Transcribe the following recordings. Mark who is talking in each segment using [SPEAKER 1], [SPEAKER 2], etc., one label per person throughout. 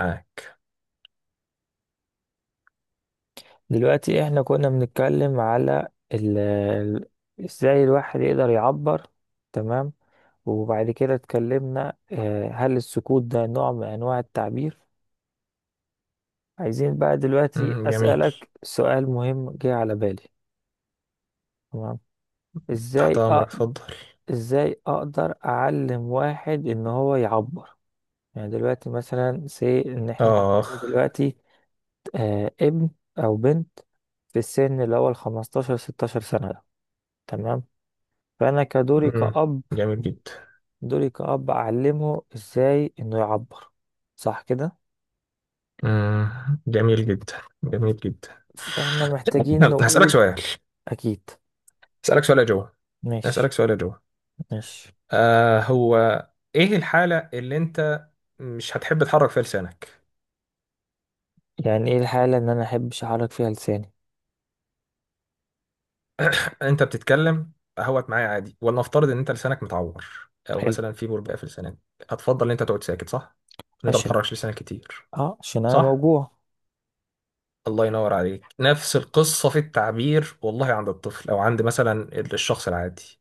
[SPEAKER 1] معاك.
[SPEAKER 2] دلوقتي احنا كنا بنتكلم على ال- ال- ازاي الواحد يقدر يعبر. تمام. وبعد كده اتكلمنا هل السكوت ده نوع من انواع التعبير؟ عايزين بقى دلوقتي
[SPEAKER 1] مم، جميل.
[SPEAKER 2] اسألك سؤال مهم جه على بالي. تمام.
[SPEAKER 1] تحت
[SPEAKER 2] ازاي أ...
[SPEAKER 1] أمرك، اتفضل.
[SPEAKER 2] ازاي اقدر اعلم واحد ان هو يعبر؟ يعني دلوقتي مثلا سي ان احنا
[SPEAKER 1] آخ.
[SPEAKER 2] عندنا دلوقتي ابن او بنت في السن اللي هو ال 15 16 سنة ده. تمام. فأنا كدوري
[SPEAKER 1] مم،
[SPEAKER 2] كأب،
[SPEAKER 1] جميل جدا.
[SPEAKER 2] دوري كأب أعلمه إزاي إنه يعبر، صح كده؟
[SPEAKER 1] مم، جميل جدا، جميل جدا.
[SPEAKER 2] فإحنا محتاجين
[SPEAKER 1] يلا، هسألك
[SPEAKER 2] نقول.
[SPEAKER 1] سؤال.
[SPEAKER 2] أكيد.
[SPEAKER 1] هسألك سؤال يا جو. هسألك
[SPEAKER 2] ماشي.
[SPEAKER 1] سؤال يا جو.
[SPEAKER 2] ماشي.
[SPEAKER 1] هو، إيه الحالة اللي أنت مش هتحب تحرك فيها لسانك؟
[SPEAKER 2] يعني إيه الحالة إن أنا أحبش أحرك فيها لساني؟
[SPEAKER 1] أنت بتتكلم أهوت معايا عادي، ولنفترض إن أنت لسانك متعور أو
[SPEAKER 2] حلو.
[SPEAKER 1] مثلا في بربقة في لسانك، هتفضل إن أنت تقعد ساكت صح؟ إن أنت ما
[SPEAKER 2] عشان
[SPEAKER 1] بتحركش لسانك كتير،
[SPEAKER 2] عشان أنا
[SPEAKER 1] صح؟
[SPEAKER 2] موجوع.
[SPEAKER 1] الله ينور عليك. نفس القصة في التعبير، والله، عند الطفل أو عند مثلا الشخص العادي.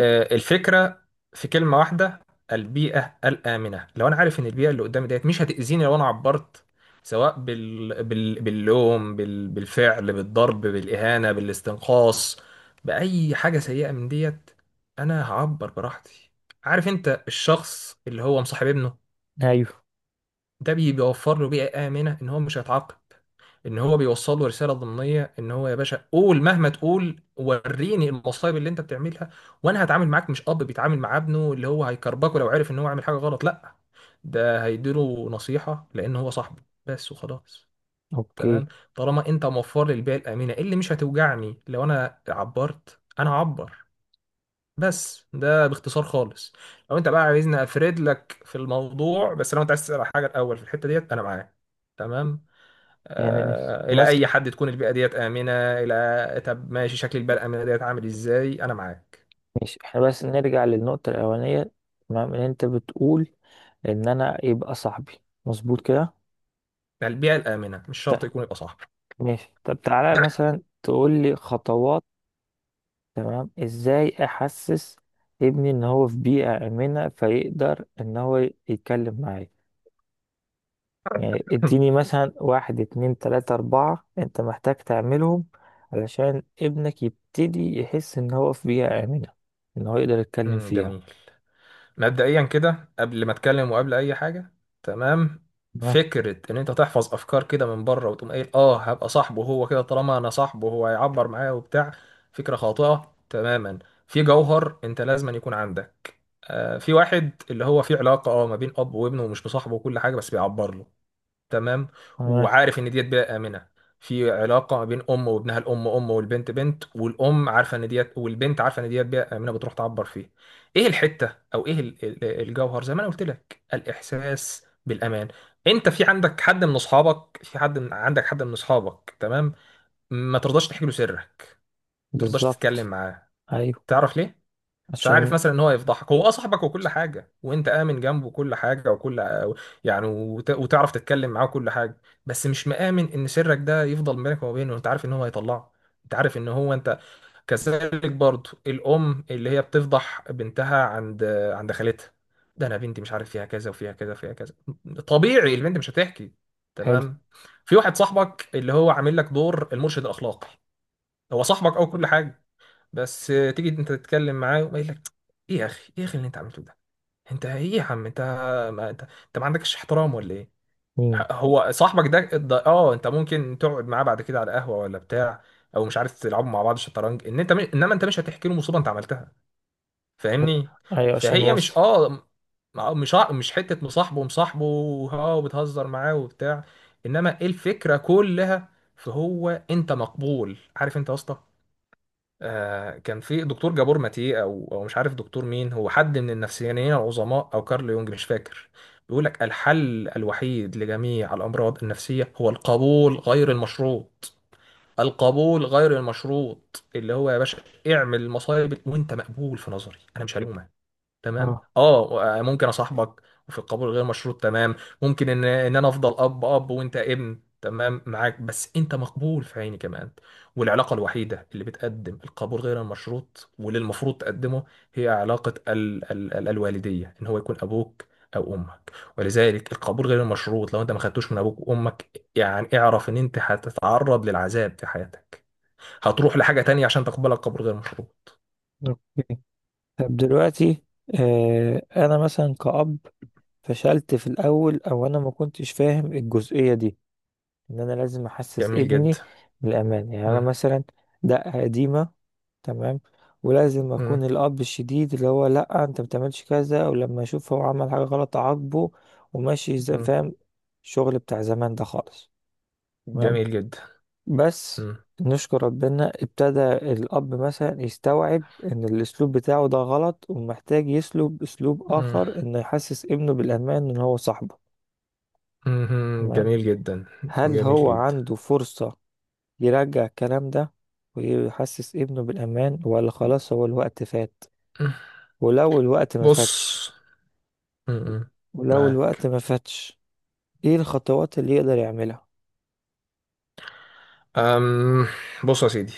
[SPEAKER 1] الفكرة في كلمة واحدة: البيئة الآمنة. لو أنا عارف إن البيئة اللي قدامي ديت مش هتأذيني لو أنا عبرت، سواء باللوم، بالفعل، بالضرب، بالإهانة، بالاستنقاص، بأي حاجة سيئة من ديت، أنا هعبر براحتي. عارف أنت الشخص اللي هو مصاحب ابنه
[SPEAKER 2] أيوه.
[SPEAKER 1] ده بيوفر له بيئة آمنة، إن هو مش هيتعاقب، ان هو بيوصل له رساله ضمنيه ان هو يا باشا قول، مهما تقول وريني المصايب اللي انت بتعملها، وانا هتعامل معاك، مش اب بيتعامل مع ابنه اللي هو هيكربكه لو عرف ان هو عامل حاجه غلط، لا، ده هيديله نصيحه لان هو صاحبه بس وخلاص. تمام.
[SPEAKER 2] أوكي.
[SPEAKER 1] طالما انت موفر لي البيئه الامنه، إيه اللي مش هتوجعني لو انا عبرت، انا هعبر. بس ده باختصار خالص، لو انت بقى عايزني افرد لك في الموضوع. بس لو انت عايز تسال على حاجه الاول في الحته ديت، انا معاك. تمام.
[SPEAKER 2] يعني
[SPEAKER 1] الى اي
[SPEAKER 2] مثلا.
[SPEAKER 1] حد تكون البيئه ديت امنه؟ الى، طب ماشي، شكل البيئه الامنه ديت عامل ازاي؟ انا معاك.
[SPEAKER 2] ماشي، إحنا بس نرجع للنقطة الأولانية. تمام، إن أنت بتقول إن أنا يبقى صاحبي، مظبوط كده؟
[SPEAKER 1] يعني البيئه الامنه مش
[SPEAKER 2] طيب.
[SPEAKER 1] شرط يكون يبقى صاحبي.
[SPEAKER 2] ماشي، طب تعالى مثلا تقول لي خطوات. تمام، ازاي احسس ابني ان هو في بيئة آمنة فيقدر ان هو يتكلم معايا؟ يعني اديني مثلا واحد، اتنين، تلاتة، اربعة انت محتاج تعملهم علشان ابنك يبتدي يحس ان هو في بيئة آمنة، ان هو يقدر يتكلم
[SPEAKER 1] مم،
[SPEAKER 2] فيها.
[SPEAKER 1] جميل. مبدئيا كده قبل ما اتكلم وقبل اي حاجه، تمام،
[SPEAKER 2] تمام.
[SPEAKER 1] فكره ان انت تحفظ افكار كده من بره وتقوم قايل اه هبقى صاحبه، هو كده طالما انا صاحبه هو هيعبر معايا وبتاع، فكره خاطئه تماما. في جوهر، انت لازم أن يكون عندك، في واحد اللي هو في علاقه اه ما بين اب وابنه ومش مصاحبه وكل حاجه، بس بيعبر له. تمام.
[SPEAKER 2] تمام.
[SPEAKER 1] وعارف ان ديت بيئه امنه. في علاقه ما بين ام وابنها، الام ام والبنت بنت، والام عارفه ان ديت، والبنت عارفه ان ديت بيئه امنه بتروح تعبر فيه. ايه الحته، او ايه الجوهر؟ زي ما انا قلت لك، الاحساس بالامان. انت في عندك حد من اصحابك، في حد من عندك حد من اصحابك، تمام، ما ترضاش تحكي له سرك، ما ترضاش تتكلم
[SPEAKER 2] بالظبط.
[SPEAKER 1] معاه.
[SPEAKER 2] ايوه
[SPEAKER 1] تعرف ليه؟ مش عارف
[SPEAKER 2] عشان.
[SPEAKER 1] مثلا ان هو يفضحك، هو اه صاحبك وكل حاجه، وانت امن جنبه كل حاجه وكل، يعني وتعرف تتكلم معاه وكل حاجه، بس مش مآمن ان سرك ده يفضل بينك وما بينه، انت عارف ان هو هيطلعه. انت عارف ان هو انت. كذلك برضه، الام اللي هي بتفضح بنتها عند، عند خالتها، ده انا بنتي مش عارف فيها كذا وفيها كذا وفيها كذا، طبيعي البنت مش هتحكي.
[SPEAKER 2] حلو.
[SPEAKER 1] تمام. في واحد صاحبك اللي هو عامل لك دور المرشد الاخلاقي، هو صاحبك او كل حاجه، بس تيجي انت تتكلم معاه ويقول لك: ايه يا اخي، ايه يا اخي اللي انت عملته ده، انت ايه يا عم، انت، ما انت, انت ما عندكش احترام ولا ايه؟
[SPEAKER 2] مم.
[SPEAKER 1] هو صاحبك ده اه، انت ممكن تقعد معاه بعد كده على قهوه ولا بتاع، او مش عارف تلعبوا مع بعض شطرنج، ان انت انما انت مش هتحكي له مصيبه انت عملتها. فاهمني؟
[SPEAKER 2] ايوه عشان
[SPEAKER 1] فهي مش
[SPEAKER 2] وصل.
[SPEAKER 1] اه مش حته مصاحبه مصاحبه، اه وبتهزر معاه وبتاع، انما إيه الفكره كلها؟ فهو، انت مقبول. عارف انت يا اسطى، كان في دكتور جابور ماتيه، او مش عارف دكتور مين، هو حد من النفسيانيين العظماء، او كارل يونج مش فاكر، بيقول لك الحل الوحيد لجميع الامراض النفسيه هو القبول غير المشروط. القبول غير المشروط اللي هو يا باشا اعمل المصايب وانت مقبول في نظري، انا مش هلومك، تمام،
[SPEAKER 2] اه.
[SPEAKER 1] اه ممكن اصاحبك وفي القبول غير مشروط، تمام، ممكن ان ان انا افضل اب وانت ابن، تمام معاك، بس انت مقبول في عيني كمان. والعلاقه الوحيده اللي بتقدم القبول غير المشروط واللي المفروض تقدمه، هي علاقه ال ال ال الوالديه، ان هو يكون ابوك او امك. ولذلك القبول غير المشروط لو انت ما خدتوش من ابوك وامك، يعني اعرف ان انت هتتعرض للعذاب في حياتك، هتروح لحاجه تانية عشان تقبلك قبول غير مشروط.
[SPEAKER 2] اوكي، طب دلوقتي انا مثلا كأب فشلت في الاول، او انا ما كنتش فاهم الجزئيه دي، ان انا لازم احسس
[SPEAKER 1] جميل
[SPEAKER 2] ابني
[SPEAKER 1] جدا.
[SPEAKER 2] بالامان. يعني انا
[SPEAKER 1] مم.
[SPEAKER 2] مثلا دقه قديمه، تمام، ولازم
[SPEAKER 1] مم.
[SPEAKER 2] اكون الاب الشديد اللي هو لا انت ما بتعملش كذا، ولما اشوف هو عمل حاجه غلط اعاقبه، وماشي زي،
[SPEAKER 1] مم.
[SPEAKER 2] فاهم؟ الشغل بتاع زمان ده خالص. تمام.
[SPEAKER 1] جميل جدا.
[SPEAKER 2] بس
[SPEAKER 1] مم.
[SPEAKER 2] نشكر ربنا ابتدى الاب مثلا يستوعب ان الاسلوب بتاعه ده غلط، ومحتاج يسلب اسلوب
[SPEAKER 1] مم.
[SPEAKER 2] اخر انه يحسس ابنه بالامان، ان هو صاحبه.
[SPEAKER 1] مم.
[SPEAKER 2] تمام.
[SPEAKER 1] جميل جدا،
[SPEAKER 2] هل
[SPEAKER 1] جميل
[SPEAKER 2] هو
[SPEAKER 1] جدا.
[SPEAKER 2] عنده فرصة يرجع الكلام ده، ويحسس ابنه بالأمان، ولا خلاص هو الوقت فات؟
[SPEAKER 1] مم.
[SPEAKER 2] ولو الوقت ما
[SPEAKER 1] بص.
[SPEAKER 2] فاتش.
[SPEAKER 1] مم.
[SPEAKER 2] ولو الوقت
[SPEAKER 1] معاك.
[SPEAKER 2] ما فاتش، ايه الخطوات اللي يقدر يعملها؟
[SPEAKER 1] أم بص يا سيدي،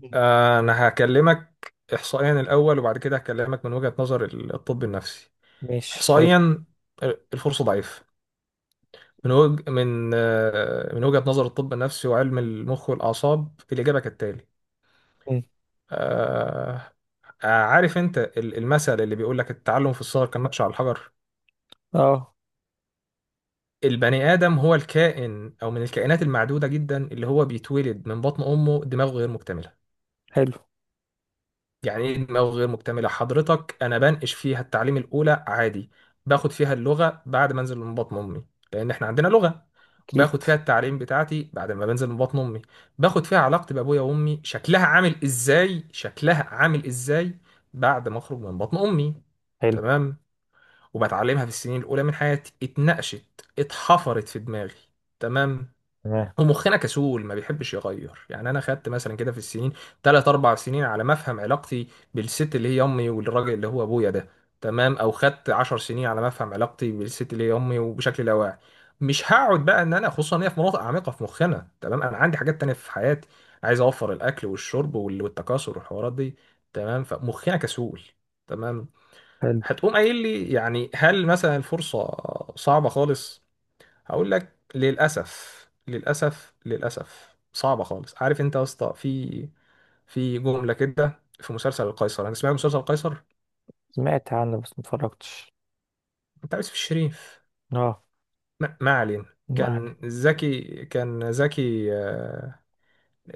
[SPEAKER 2] مم.
[SPEAKER 1] أنا هكلمك إحصائيا الأول، وبعد كده هكلمك من وجهة نظر الطب النفسي.
[SPEAKER 2] مش حلو.
[SPEAKER 1] إحصائيا، الفرصة ضعيفة. من من وجهة نظر الطب النفسي وعلم المخ والأعصاب، الإجابة كالتالي.
[SPEAKER 2] مم.
[SPEAKER 1] آه، عارف أنت المثل اللي بيقول لك التعلم في الصغر كالنقش على الحجر؟
[SPEAKER 2] اه.
[SPEAKER 1] البني آدم هو الكائن، أو من الكائنات المعدودة جدا اللي هو بيتولد من بطن أمه دماغه غير مكتملة.
[SPEAKER 2] حلو.
[SPEAKER 1] يعني إيه دماغه غير مكتملة؟ حضرتك أنا بنقش فيها التعليم الأولى عادي، باخد فيها اللغة بعد ما أنزل من بطن أمي، لأن إحنا عندنا لغة،
[SPEAKER 2] اكيد.
[SPEAKER 1] باخد فيها التعليم بتاعتي بعد ما بنزل من بطن أمي، باخد فيها علاقتي بأبويا وأمي شكلها عامل إزاي، شكلها عامل إزاي بعد ما أخرج من بطن أمي.
[SPEAKER 2] حلو.
[SPEAKER 1] تمام. وبتعلمها في السنين الأولى من حياتي، اتنقشت، اتحفرت في دماغي. تمام.
[SPEAKER 2] تمام.
[SPEAKER 1] ومخنا كسول ما بيحبش يغير. يعني انا خدت مثلا كده في السنين، تلات اربع سنين على ما افهم علاقتي بالست اللي هي امي والراجل اللي هو ابويا ده، تمام، او خدت عشر سنين على ما افهم علاقتي بالست اللي هي امي. وبشكل لا واعي مش هقعد بقى، ان انا خصوصا ان هي في مناطق عميقه في مخنا. تمام. انا عندي حاجات تانية في حياتي، عايز اوفر الاكل والشرب والتكاثر والحوارات دي، تمام، فمخنا كسول. تمام.
[SPEAKER 2] حلو.
[SPEAKER 1] هتقوم قايل لي يعني هل مثلا الفرصه صعبه خالص؟ هقول لك للأسف. للأسف، صعبة خالص. عارف انت يا اسطى في في جملة كده في مسلسل القيصر، انا سمعت مسلسل القيصر
[SPEAKER 2] سمعت عنه بس متفرجتش.
[SPEAKER 1] بتاع يوسف الشريف،
[SPEAKER 2] اه.
[SPEAKER 1] ما علينا،
[SPEAKER 2] ما عليه.
[SPEAKER 1] كان زكي،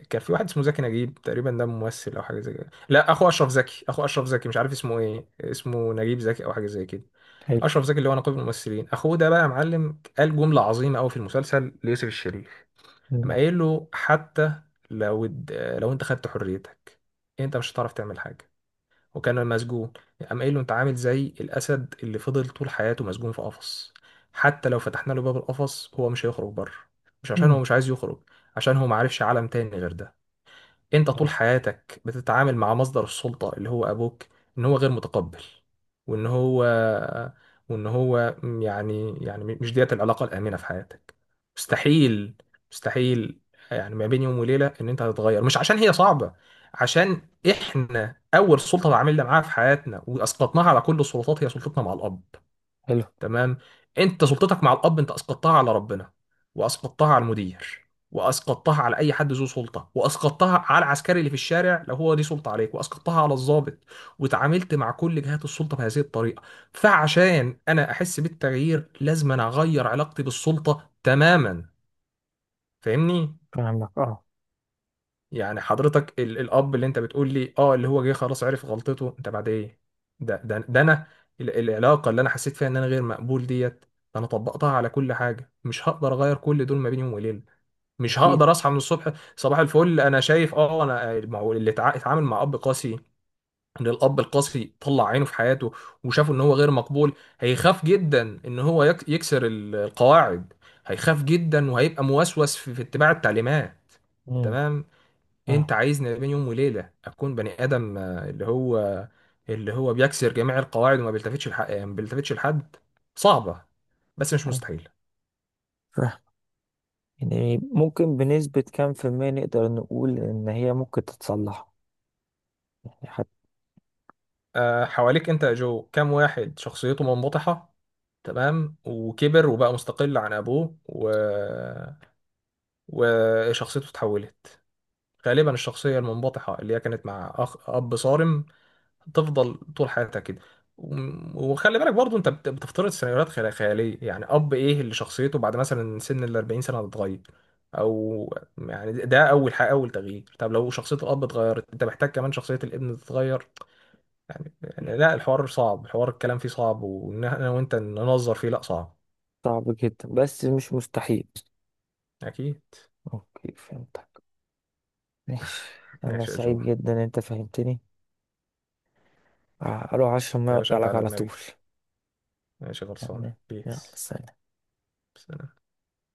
[SPEAKER 1] كان في واحد اسمه زكي نجيب تقريبا، ده ممثل او حاجه زي كده، لا، اخو اشرف زكي، مش عارف اسمه ايه، اسمه نجيب زكي او حاجه زي كده.
[SPEAKER 2] حلو.
[SPEAKER 1] اشرف زكي اللي هو نقيب الممثلين، اخوه ده بقى يا معلم قال جمله عظيمه قوي في المسلسل ليوسف الشريف. قام
[SPEAKER 2] مم.
[SPEAKER 1] قايل له: حتى لو الد- لو انت خدت حريتك، انت مش هتعرف تعمل حاجه. وكان مسجون. قام قايل له: انت عامل زي الاسد اللي فضل طول حياته مسجون في قفص، حتى لو فتحنا له باب القفص هو مش هيخرج بره، مش عشان
[SPEAKER 2] مم.
[SPEAKER 1] هو مش عايز يخرج، عشان هو معرفش عالم تاني غير ده. انت طول
[SPEAKER 2] طيب.
[SPEAKER 1] حياتك بتتعامل مع مصدر السلطة اللي هو ابوك، ان هو غير متقبل، وان هو وان هو، مش ديت العلاقة الآمنة في حياتك. مستحيل. مستحيل. يعني ما بين يوم وليلة ان انت هتتغير، مش عشان هي صعبة، عشان احنا اول سلطة تعاملنا معاها في حياتنا واسقطناها على كل السلطات، هي سلطتنا مع الاب.
[SPEAKER 2] حلو.
[SPEAKER 1] تمام. انت سلطتك مع الاب انت اسقطتها على ربنا، واسقطتها على المدير، واسقطتها على اي حد ذو سلطه، واسقطتها على العسكري اللي في الشارع لو هو ليه سلطه عليك، واسقطتها على الضابط، وتعاملت مع كل جهات السلطه بهذه الطريقه. فعشان انا احس بالتغيير لازم انا اغير علاقتي بالسلطه تماما. فاهمني؟
[SPEAKER 2] فاهمك اه.
[SPEAKER 1] يعني حضرتك الاب اللي انت بتقول لي اه اللي هو جه خلاص عرف غلطته انت بعد ايه، ده انا العلاقه اللي انا حسيت فيها ان انا غير مقبول ديت، انا طبقتها على كل حاجه، مش هقدر اغير كل دول ما بين يوم وليله. مش
[SPEAKER 2] اكيد.
[SPEAKER 1] هقدر اصحى من الصبح صباح الفل انا شايف اه انا، ما هو اللي اتعامل مع اب قاسي، ان الاب القاسي طلع عينه في حياته وشافه ان هو غير مقبول، هيخاف جدا ان هو يكسر القواعد، هيخاف جدا وهيبقى موسوس في اتباع التعليمات.
[SPEAKER 2] مم.
[SPEAKER 1] تمام. انت
[SPEAKER 2] اه.
[SPEAKER 1] عايزني بين يوم وليله اكون بني ادم، اللي هو بيكسر جميع القواعد، وما بيلتفتش لحق، ما بيلتفتش لحد. صعبه بس مش مستحيل.
[SPEAKER 2] أيوة. يعني ممكن بنسبة كام في المية نقدر نقول إن هي ممكن تتصلح؟ يعني حتى.
[SPEAKER 1] حواليك انت يا جو كام واحد شخصيته منبطحه، تمام، وكبر وبقى مستقل عن ابوه وشخصيته اتحولت؟ غالبا الشخصيه المنبطحه اللي هي كانت مع اخ اب صارم تفضل طول حياتك كده. وخلي بالك برضو انت بتفترض سيناريوهات خياليه. يعني اب ايه اللي شخصيته بعد مثلا سن ال 40 سنه هتتغير؟ او يعني ده ده اول حاجه، اول تغيير. طب لو شخصيه الاب اتغيرت انت محتاج كمان شخصيه الابن تتغير. يعني لا، الحوار صعب، الحوار الكلام فيه صعب، وان انا وانت ننظر فيه لا صعب.
[SPEAKER 2] صعب جدا بس مش مستحيل.
[SPEAKER 1] اكيد.
[SPEAKER 2] أوكي فهمتك. ماشي، أنا
[SPEAKER 1] ماشي يا
[SPEAKER 2] سعيد
[SPEAKER 1] جو.
[SPEAKER 2] جدا إن أنت فهمتني. أروح أشرب مية
[SPEAKER 1] يا باشا
[SPEAKER 2] وأرجع
[SPEAKER 1] انت
[SPEAKER 2] لك
[SPEAKER 1] على
[SPEAKER 2] على طول.
[SPEAKER 1] دماغي. ماشي، غلصان
[SPEAKER 2] يعني. يلا
[SPEAKER 1] بيس.
[SPEAKER 2] سلام.
[SPEAKER 1] سلام.